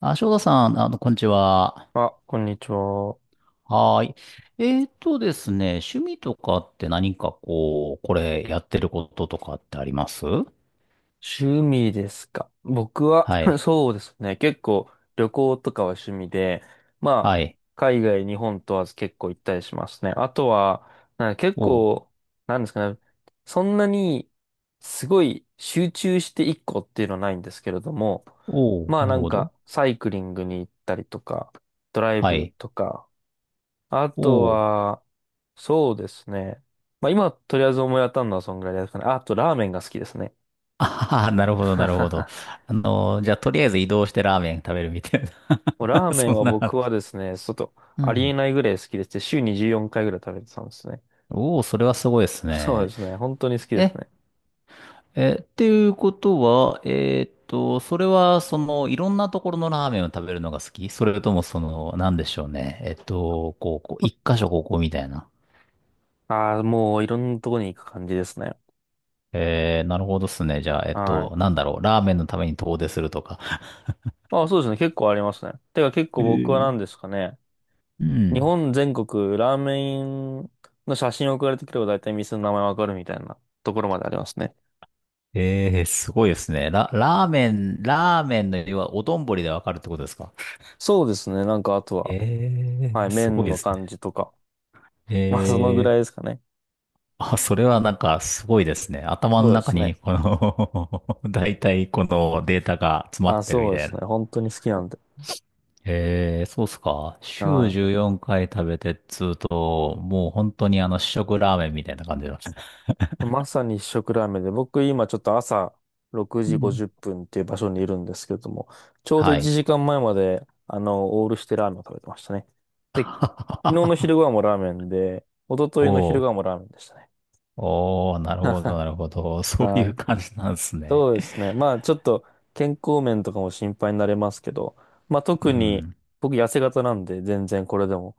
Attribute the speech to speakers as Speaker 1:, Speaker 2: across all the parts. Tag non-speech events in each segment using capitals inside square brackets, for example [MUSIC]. Speaker 1: あ、翔太さん、こんにちは。
Speaker 2: あ、こんにちは。
Speaker 1: はーい。ですね、趣味とかって何かこれやってることとかってあります？
Speaker 2: 趣味ですか。僕は
Speaker 1: は
Speaker 2: [LAUGHS]
Speaker 1: い。
Speaker 2: そうですね。結構旅行とかは趣味で、ま
Speaker 1: は
Speaker 2: あ、
Speaker 1: い。
Speaker 2: 海外、日本問わず結構行ったりしますね。あとは、なんか結
Speaker 1: おう、
Speaker 2: 構、なんですかね。そんなに、すごい集中して一個っていうのはないんですけれども、
Speaker 1: おう、
Speaker 2: まあ
Speaker 1: な
Speaker 2: な
Speaker 1: る
Speaker 2: ん
Speaker 1: ほ
Speaker 2: か、
Speaker 1: ど。
Speaker 2: サイクリングに行ったりとか、ドライ
Speaker 1: は
Speaker 2: ブ
Speaker 1: い。
Speaker 2: とか、あと
Speaker 1: おう。
Speaker 2: は、そうですね。まあ今、とりあえず思い当たるのはそんぐらいですかね。ああと、ラーメンが好きですね。
Speaker 1: [LAUGHS] あはは、なるほど、なるほど。
Speaker 2: [LAUGHS]
Speaker 1: じゃあ、とりあえず移動してラーメン食べるみたい
Speaker 2: もう
Speaker 1: な。
Speaker 2: ラー
Speaker 1: [LAUGHS]
Speaker 2: メ
Speaker 1: そ
Speaker 2: ン
Speaker 1: ん
Speaker 2: は
Speaker 1: な話。
Speaker 2: 僕はですね、ちょっと
Speaker 1: う
Speaker 2: ありえ
Speaker 1: ん。
Speaker 2: ないぐらい好きでして、週に14回ぐらい食べてたんですね。
Speaker 1: おお、それはすごいです
Speaker 2: そう
Speaker 1: ね。
Speaker 2: ですね。本当に好きです
Speaker 1: え、
Speaker 2: ね。
Speaker 1: えー、っていうことは、それは、いろんなところのラーメンを食べるのが好き？それとも、なんでしょうね。一箇所ここみたいな。
Speaker 2: ああ、もういろんなとこに行く感じですね。
Speaker 1: えー、なるほどっすね。じゃあ、
Speaker 2: は
Speaker 1: な
Speaker 2: い。
Speaker 1: んだろう。ラーメンのために遠出するとか。
Speaker 2: ああ、そうですね。結構ありますね。てか結
Speaker 1: え
Speaker 2: 構僕は
Speaker 1: ー、
Speaker 2: 何ですかね。
Speaker 1: う
Speaker 2: 日
Speaker 1: ん。
Speaker 2: 本全国ラーメンの写真送られてくれば大体店の名前わかるみたいなところまでありますね。
Speaker 1: えー、すごいですね。ラーメンの要は、お丼でわかるってことですか？
Speaker 2: そうですね。なんかあとは。
Speaker 1: え
Speaker 2: はい、
Speaker 1: ー、すごい
Speaker 2: 麺
Speaker 1: で
Speaker 2: の
Speaker 1: す
Speaker 2: 感
Speaker 1: ね。
Speaker 2: じとか。
Speaker 1: え
Speaker 2: [LAUGHS] まあ、そのぐらいで
Speaker 1: ー、
Speaker 2: すかね。
Speaker 1: あ、それはなんかすごいですね。頭の
Speaker 2: そうで
Speaker 1: 中
Speaker 2: すね。
Speaker 1: に、この [LAUGHS] 大体このデータが詰ま
Speaker 2: あ、
Speaker 1: ってる
Speaker 2: そ
Speaker 1: み
Speaker 2: うで
Speaker 1: たい
Speaker 2: す
Speaker 1: な。
Speaker 2: ね。本当に好きなんで。
Speaker 1: えー、そうっすか。週
Speaker 2: は
Speaker 1: 14回食べてっつうと、もう本当に試食ラーメンみたいな感じですね。
Speaker 2: い。まさに一食ラーメンで、僕今ちょっと朝6
Speaker 1: う
Speaker 2: 時
Speaker 1: ん、
Speaker 2: 50分っぷんっていう場所にいるんですけれども、ちょうど
Speaker 1: は
Speaker 2: 1
Speaker 1: い。
Speaker 2: 時間前まえまで、オールしてラーメンを食べてましたね。で、昨日の昼ご
Speaker 1: [LAUGHS]
Speaker 2: 飯もラーメンで、一昨日の昼
Speaker 1: お
Speaker 2: ご
Speaker 1: ー、
Speaker 2: 飯もラーメンでしたね。
Speaker 1: おー、なるほど、
Speaker 2: [LAUGHS]
Speaker 1: なるほど。そうい
Speaker 2: は
Speaker 1: う
Speaker 2: い。
Speaker 1: 感じなんですね。
Speaker 2: そうですね。まあ、ちょっと健康面とかも心配になれますけど、まあ、
Speaker 1: う
Speaker 2: 特に
Speaker 1: ん。
Speaker 2: 僕痩せ型なんで、全然これでも。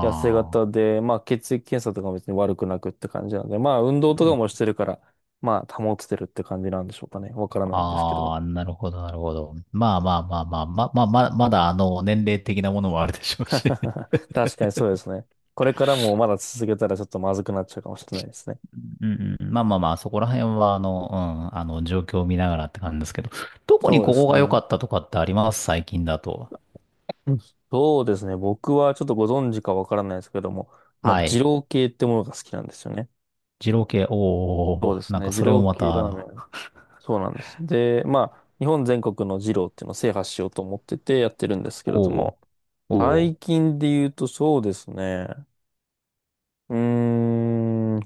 Speaker 2: 痩せ
Speaker 1: あ。
Speaker 2: 型で、まあ血液検査とかも別に悪くなくって感じなんで、まあ運動と
Speaker 1: う
Speaker 2: か
Speaker 1: ん、
Speaker 2: もしてるから、まあ保ててるって感じなんでしょうかね。わからないんですけど。
Speaker 1: ああ、なるほど、なるほど。まあ、まだ年齢的なものもあるでしょうし。
Speaker 2: [LAUGHS] 確かにそうですね。これからもまだ続けたらちょっとまずくなっちゃうかもしれないですね。
Speaker 1: うんうん、まあまあまあ、そこら辺は、状況を見ながらって感じですけど、特に
Speaker 2: そうで
Speaker 1: ここ
Speaker 2: す
Speaker 1: が良か
Speaker 2: ね。
Speaker 1: ったとかってあります？最近だと。
Speaker 2: うん、そうですね。僕はちょっとご存知かわからないですけども、まあ
Speaker 1: は
Speaker 2: 二
Speaker 1: い。
Speaker 2: 郎系ってものが好きなんですよね。
Speaker 1: 二郎系、
Speaker 2: そう
Speaker 1: お
Speaker 2: で
Speaker 1: ー、
Speaker 2: す
Speaker 1: なん
Speaker 2: ね。
Speaker 1: か
Speaker 2: 二
Speaker 1: それも
Speaker 2: 郎
Speaker 1: ま
Speaker 2: 系
Speaker 1: た、
Speaker 2: ラーメン。そうなんです。で、まあ日本全国の二郎っていうのを制覇しようと思っててやってるんですけれど
Speaker 1: お
Speaker 2: も、
Speaker 1: ー、
Speaker 2: 最
Speaker 1: お
Speaker 2: 近で言うとそうですね。うーん。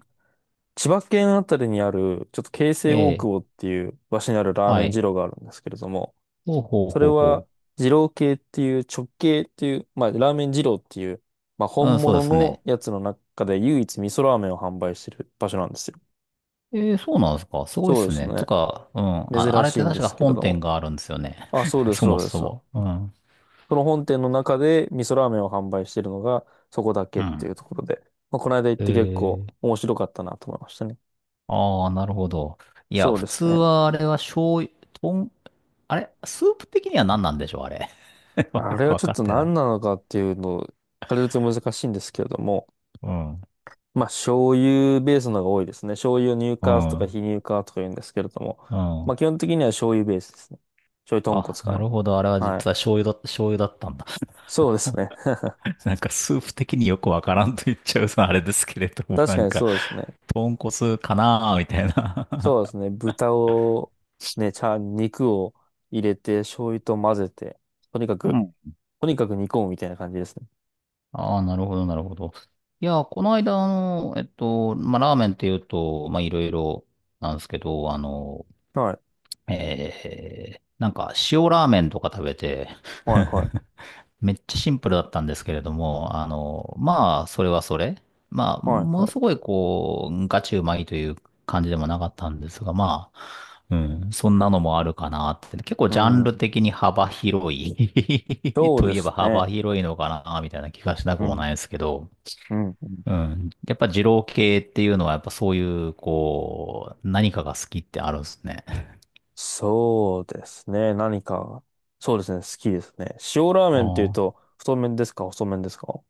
Speaker 2: 千葉県あたりにある、ちょっと京
Speaker 1: ー、
Speaker 2: 成
Speaker 1: え
Speaker 2: 大
Speaker 1: え、
Speaker 2: 久保っていう場所にあるラー
Speaker 1: は
Speaker 2: メン
Speaker 1: い。
Speaker 2: 二郎があるんですけれども、
Speaker 1: ほうほう
Speaker 2: それ
Speaker 1: ほう
Speaker 2: は
Speaker 1: ほ
Speaker 2: 二郎系っていう直系っていう、まあラーメン二郎っていう、まあ
Speaker 1: う。うん、
Speaker 2: 本
Speaker 1: そうで
Speaker 2: 物
Speaker 1: すね。
Speaker 2: のやつの中で唯一味噌ラーメンを販売してる場所なんですよ。
Speaker 1: ええ、そうなんですか？すごいっ
Speaker 2: そうで
Speaker 1: す
Speaker 2: す
Speaker 1: ね。と
Speaker 2: ね。
Speaker 1: か、うん、あ、あ
Speaker 2: 珍
Speaker 1: れっ
Speaker 2: し
Speaker 1: て
Speaker 2: いん
Speaker 1: 確
Speaker 2: で
Speaker 1: か
Speaker 2: すけれ
Speaker 1: 本
Speaker 2: ど
Speaker 1: 店
Speaker 2: も。
Speaker 1: があるんですよね。
Speaker 2: あ、そう
Speaker 1: [LAUGHS]
Speaker 2: です、
Speaker 1: そも
Speaker 2: そうで
Speaker 1: そ
Speaker 2: す。
Speaker 1: も。うん。
Speaker 2: その本店の中で味噌ラーメンを販売しているのがそこだけ
Speaker 1: う
Speaker 2: ってい
Speaker 1: ん。
Speaker 2: うところで、まあ、この間行って結構
Speaker 1: ええ、
Speaker 2: 面白かったなと思いましたね。
Speaker 1: ああ、なるほど。いや、
Speaker 2: そう
Speaker 1: 普
Speaker 2: です
Speaker 1: 通
Speaker 2: ね。
Speaker 1: はあれは醤油、とん、あれスープ的には何なんでしょう、あれ。[LAUGHS]
Speaker 2: あ
Speaker 1: よ
Speaker 2: れ
Speaker 1: く
Speaker 2: は
Speaker 1: わ
Speaker 2: ちょっ
Speaker 1: か
Speaker 2: と
Speaker 1: ってない。
Speaker 2: 何なのかっていうのを、あれと難しいんですけれども、
Speaker 1: うん。
Speaker 2: まあ醤油ベースのが多いですね。醤油乳
Speaker 1: う
Speaker 2: 化とか非
Speaker 1: ん。
Speaker 2: 乳化とか言うんですけれども、
Speaker 1: う
Speaker 2: ま
Speaker 1: ん。
Speaker 2: あ基本的には醤油ベースですね。醤油豚骨
Speaker 1: あ、
Speaker 2: か
Speaker 1: な
Speaker 2: な。
Speaker 1: るほど。あれは
Speaker 2: は
Speaker 1: 実は
Speaker 2: い。
Speaker 1: 醤油だったんだ。
Speaker 2: そうですね。[LAUGHS]
Speaker 1: [LAUGHS] なんかスープ的によくわからんと言っちゃうさ、あれですけれども、
Speaker 2: 確
Speaker 1: な
Speaker 2: か
Speaker 1: ん
Speaker 2: に
Speaker 1: か、
Speaker 2: そうですね。
Speaker 1: 豚骨かなーみたいな。
Speaker 2: そうですね。豚を、ね、肉を入れて、醤油と混ぜて、とにか
Speaker 1: [LAUGHS] う
Speaker 2: く、
Speaker 1: ん。
Speaker 2: とにかく煮込むみたいな感じですね。
Speaker 1: [LAUGHS] ああ、なるほど、なるほど。いや、この間、ラーメンっていうと、まあ、いろいろなんですけど、
Speaker 2: はい、
Speaker 1: なんか塩ラーメンとか食べて
Speaker 2: はい、は
Speaker 1: [LAUGHS]
Speaker 2: い、
Speaker 1: めっちゃシンプルだったんですけれども、あの、まあ、それはそれ。まあ、
Speaker 2: はい、
Speaker 1: もの
Speaker 2: は
Speaker 1: す
Speaker 2: い。
Speaker 1: ごいこう、ガチうまいという感じでもなかったんですが、まあ、うん、そんなのもあるかなって。結構
Speaker 2: う
Speaker 1: ジャンル
Speaker 2: ん。
Speaker 1: 的に幅広い [LAUGHS]
Speaker 2: そう
Speaker 1: と
Speaker 2: で
Speaker 1: いえば
Speaker 2: すね。
Speaker 1: 幅広いのかな、みたいな気がしな
Speaker 2: う
Speaker 1: くも
Speaker 2: ん、
Speaker 1: ないですけど、
Speaker 2: うん、うん。
Speaker 1: うん。やっぱ二郎系っていうのはやっぱそういう、こう、何かが好きってあるんですね。
Speaker 2: そうですね。何か、そうですね。好きですね。塩ラーメンっていう
Speaker 1: ああ。
Speaker 2: と、太麺ですか、細麺ですか？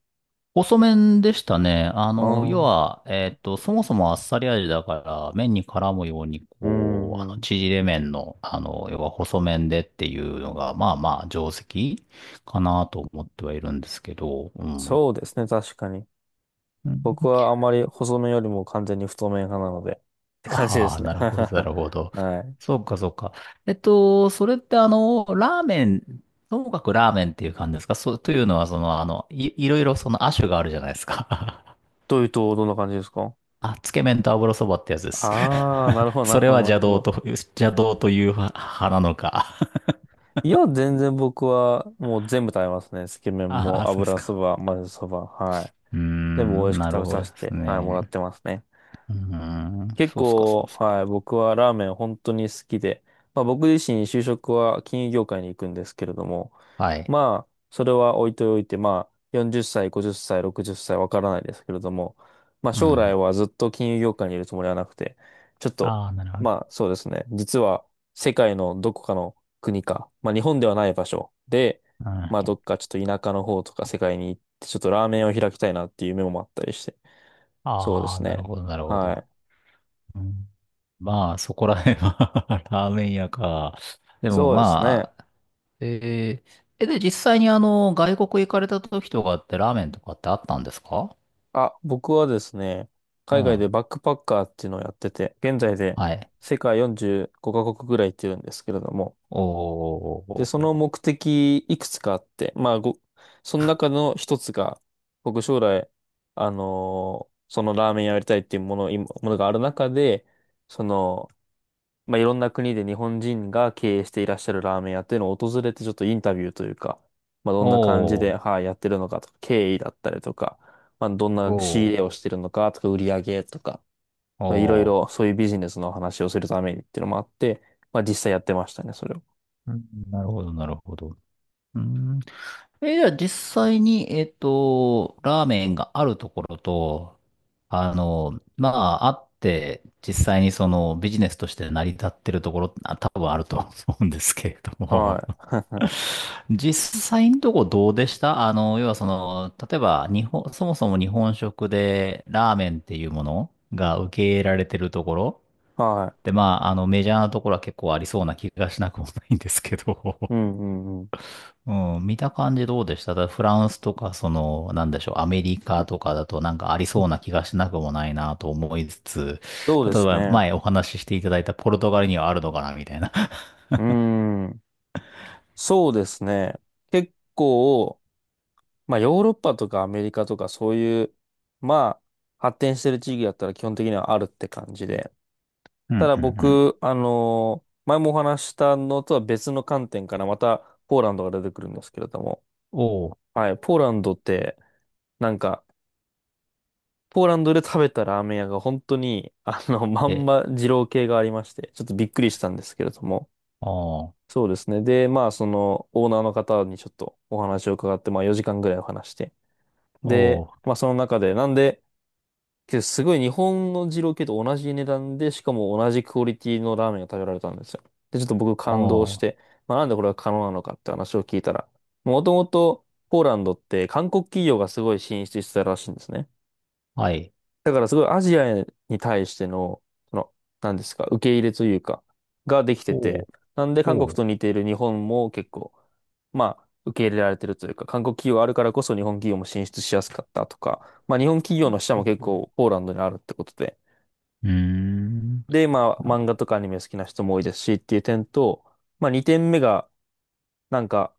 Speaker 1: 細麺でしたね。あ
Speaker 2: ああ
Speaker 1: の、要
Speaker 2: ー、
Speaker 1: は、えっと、そもそもあっさり味だから、麺に絡むように、
Speaker 2: う
Speaker 1: こう、あ
Speaker 2: ん、
Speaker 1: の、
Speaker 2: うん。
Speaker 1: 縮れ麺の、要は細麺でっていうのが、まあ、定石かなと思ってはいるんですけど、うん。
Speaker 2: そうですね。確かに。僕はあまり細麺よりも完全に太麺派なので、って感じで
Speaker 1: ああ
Speaker 2: す
Speaker 1: ー、
Speaker 2: ね。
Speaker 1: なるほど、なるほ
Speaker 2: [LAUGHS]
Speaker 1: ど。
Speaker 2: はい。
Speaker 1: そうか、そうか。それってあの、ラーメン、ともかくラーメンっていう感じですか？そう、というのは、いろいろその亜種があるじゃないですか。
Speaker 2: というと、どんな感じですか？
Speaker 1: あ、つけ麺と油そばってやつです。
Speaker 2: ああー、なるほ
Speaker 1: [LAUGHS]
Speaker 2: ど、なる
Speaker 1: それ
Speaker 2: ほ
Speaker 1: は
Speaker 2: ど、なるほど。
Speaker 1: 邪道という派なのか。
Speaker 2: いや、全然僕はもう全部食べますね。つけ麺
Speaker 1: あ
Speaker 2: も
Speaker 1: あ、そうです
Speaker 2: 油
Speaker 1: か。
Speaker 2: そば、混ぜそば、はい。
Speaker 1: うー
Speaker 2: 全部美味し
Speaker 1: ん、
Speaker 2: く
Speaker 1: な
Speaker 2: 食
Speaker 1: る
Speaker 2: べ
Speaker 1: ほ
Speaker 2: さ
Speaker 1: ど
Speaker 2: せ
Speaker 1: です
Speaker 2: て、はい、も
Speaker 1: ね。
Speaker 2: らってますね。
Speaker 1: うーん、
Speaker 2: 結
Speaker 1: そうっすか、そうっ
Speaker 2: 構、
Speaker 1: す
Speaker 2: は
Speaker 1: か。
Speaker 2: い、僕はラーメン本当に好きで、まあ僕自身就職は金融業界に行くんですけれども、
Speaker 1: はい。
Speaker 2: まあ、それは置いておいて、まあ、40歳、50歳、60歳、ろくじゅっさい、わからないですけれども、まあ
Speaker 1: う
Speaker 2: 将来
Speaker 1: ん。
Speaker 2: はずっと金融業界にいるつもりはなくて、ちょっと、
Speaker 1: ああ、なるほど。
Speaker 2: まあそうですね、実は世界のどこかの国か、まあ日本ではない場所で、
Speaker 1: う
Speaker 2: まあど
Speaker 1: ん。
Speaker 2: っかちょっと田舎の方とか世界に行って、ちょっとラーメンを開きたいなっていう夢もあったりして、そうで
Speaker 1: ああ、
Speaker 2: す
Speaker 1: なる
Speaker 2: ね。
Speaker 1: ほど、なるほ
Speaker 2: は
Speaker 1: ど。
Speaker 2: い。
Speaker 1: うん、まあ、そこら辺は [LAUGHS] ラーメン屋か。でも
Speaker 2: そうですね。
Speaker 1: まあ、えー、え、で、実際に外国行かれた時とかってラーメンとかってあったんですか？
Speaker 2: あ、僕はですね、
Speaker 1: う
Speaker 2: 海外
Speaker 1: ん。
Speaker 2: でバックパッカーっていうのをやってて、現在で
Speaker 1: はい。
Speaker 2: 世界45カ国ぐらい行ってるんですけれども、
Speaker 1: お
Speaker 2: で、その
Speaker 1: ー。
Speaker 2: 目的いくつかあって、その中の一つが、僕将来、そのラーメン屋やりたいっていうものがある中で、その、まあ、いろんな国で日本人が経営していらっしゃるラーメン屋っていうのを訪れてちょっとインタビューというか、まあ、どんな感じ
Speaker 1: お
Speaker 2: で、
Speaker 1: ー、
Speaker 2: はい、やってるのかとか、経緯だったりとか、まあ、どんな仕
Speaker 1: お
Speaker 2: 入れ
Speaker 1: ー、
Speaker 2: をしてるのかとか、売り上げとか、まあ、いろい
Speaker 1: お
Speaker 2: ろ
Speaker 1: ー。
Speaker 2: そういうビジネスの話をするためにっていうのもあって、まあ、実際やってましたね、それを。
Speaker 1: うん、なるほど、なるほど。うん。え、じゃあ実際に、ラーメンがあるところと、あって、実際にそのビジネスとして成り立ってるところ、あ、多分あると思うんですけれども、
Speaker 2: は
Speaker 1: [LAUGHS]
Speaker 2: い。
Speaker 1: 実際のとこどうでした？要はその、例えば日本、そもそも日本食でラーメンっていうものが受け入れられてるところ
Speaker 2: [LAUGHS] は
Speaker 1: で、まあ、メジャーなところは結構ありそうな気がしなくもないんですけど、
Speaker 2: い。う
Speaker 1: [LAUGHS]
Speaker 2: ん、うん、うん。
Speaker 1: うん、見た感じどうでした？だからフランスとか、その、なんでしょう、アメリカとかだとなんかありそうな気がしなくもないなと思いつつ、
Speaker 2: そうで
Speaker 1: 例え
Speaker 2: す
Speaker 1: ば
Speaker 2: ね。
Speaker 1: 前お話ししていただいたポルトガルにはあるのかなみたいな。[LAUGHS]
Speaker 2: うーん。そうですね。結構、まあ、ヨーロッパとかアメリカとかそういう、まあ、発展してる地域だったら基本的にはあるって感じで。
Speaker 1: う
Speaker 2: た
Speaker 1: ん
Speaker 2: だ
Speaker 1: うんうん。
Speaker 2: 僕、前もお話ししたのとは別の観点からまたポーランドが出てくるんですけれども。
Speaker 1: おう、
Speaker 2: はい、ポーランドって、なんか、ポーランドで食べたラーメン屋が本当に、あの、まん
Speaker 1: え、
Speaker 2: ま二郎系がありまして、ちょっとびっくりしたんですけれども。
Speaker 1: ああ、お
Speaker 2: そうですね。で、まあ、その、オーナーの方にちょっとお話を伺って、まあ、4時間ぐらいお話して。で、
Speaker 1: う、
Speaker 2: まあ、その中で、なんで、けど、すごい日本の二郎系と同じ値段で、しかも同じクオリティのラーメンが食べられたんですよ。で、ちょっと僕感動
Speaker 1: お
Speaker 2: し
Speaker 1: う、
Speaker 2: て、まあ、なんでこれが可能なのかって話を聞いたら、もともとポーランドって韓国企業がすごい進出してたらしいんですね。
Speaker 1: はい、
Speaker 2: だからすごいアジアに対しての、その、何ですか、受け入れというか、ができて
Speaker 1: お
Speaker 2: て、
Speaker 1: う、
Speaker 2: なんで韓国
Speaker 1: おう、
Speaker 2: と似ている日本も結構、まあ、受け入れられてるというか、韓国企業あるからこそ日本企業も進出しやすかったとか、まあ日本企業
Speaker 1: おう、
Speaker 2: の支社
Speaker 1: お
Speaker 2: も結
Speaker 1: う、
Speaker 2: 構ポーランドにあるってことで、
Speaker 1: うーん、
Speaker 2: で、まあ漫
Speaker 1: な、
Speaker 2: 画とかアニメ好きな人も多いですしっていう点と、まあ2点目が、なんか、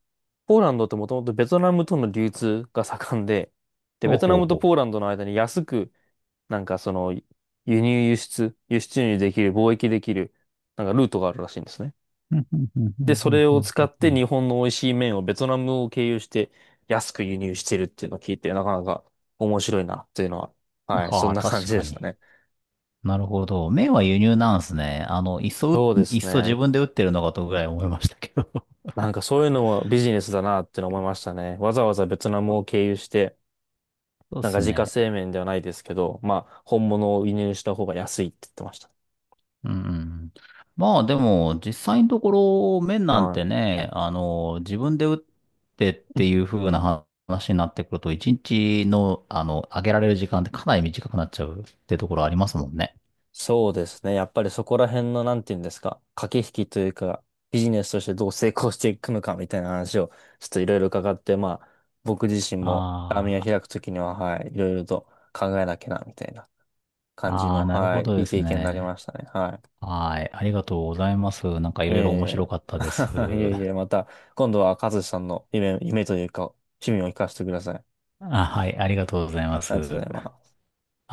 Speaker 2: ポーランドってもともとベトナムとの流通が盛んで、で、
Speaker 1: おう
Speaker 2: ベトナ
Speaker 1: ほう
Speaker 2: ムと
Speaker 1: ほ
Speaker 2: ポーランドの間に安くなんかその、輸入輸出、輸出入できる、貿易できる、なんかルートがあるらしいんですね。
Speaker 1: う。ふんうんうんうん
Speaker 2: で、そ
Speaker 1: うん
Speaker 2: れ
Speaker 1: う
Speaker 2: を使
Speaker 1: ん
Speaker 2: っ
Speaker 1: う
Speaker 2: て
Speaker 1: ん、
Speaker 2: 日本の美味しい麺をベトナムを経由して安く輸入してるっていうのを聞いて、なかなか面白いなっていうのは、はい、そ
Speaker 1: は
Speaker 2: ん
Speaker 1: あ、
Speaker 2: な感
Speaker 1: 確
Speaker 2: じで
Speaker 1: か
Speaker 2: した
Speaker 1: に。
Speaker 2: ね。
Speaker 1: なるほど。麺は輸入なんですね。
Speaker 2: そうで
Speaker 1: いっ
Speaker 2: す
Speaker 1: そ自
Speaker 2: ね。
Speaker 1: 分で打ってるのかとぐらい思いましたけど。
Speaker 2: なんかそういうのもビジネスだなって思いましたね。わざわざベトナムを経由して、
Speaker 1: [LAUGHS] そうで
Speaker 2: なんか
Speaker 1: す
Speaker 2: 自家
Speaker 1: ね。
Speaker 2: 製麺ではないですけど、まあ、本物を輸入した方が安いって言ってました。
Speaker 1: うんうん。まあでも、実際のところ、麺なん
Speaker 2: は
Speaker 1: てね、自分で打ってっ
Speaker 2: い。
Speaker 1: ていう風な話になってくると、一日の、揚げられる時間ってかなり短くなっちゃうってところありますもんね。
Speaker 2: そうですね。やっぱりそこら辺の、なんていうんですか、駆け引きというか、ビジネスとしてどう成功していくのかみたいな話を、ちょっといろいろ伺って、まあ、僕自身も、網を
Speaker 1: あ
Speaker 2: 開くときには、はい、いろいろと考えなきゃな、みたいな感じ
Speaker 1: あ、あ
Speaker 2: の、
Speaker 1: あ、なる
Speaker 2: は
Speaker 1: ほ
Speaker 2: い、
Speaker 1: ど
Speaker 2: い
Speaker 1: で
Speaker 2: い
Speaker 1: す
Speaker 2: 経験になり
Speaker 1: ね。
Speaker 2: ましたね。は
Speaker 1: はい。ありがとうございます。なんかい
Speaker 2: い。いえい
Speaker 1: ろいろ面
Speaker 2: え。
Speaker 1: 白かったです。
Speaker 2: [LAUGHS] いえいえ、また、今度は、和志さんの夢、夢というか、趣味を聞かせてください。
Speaker 1: あ、はい。ありがとうございま
Speaker 2: あ
Speaker 1: す。
Speaker 2: りがとうございます。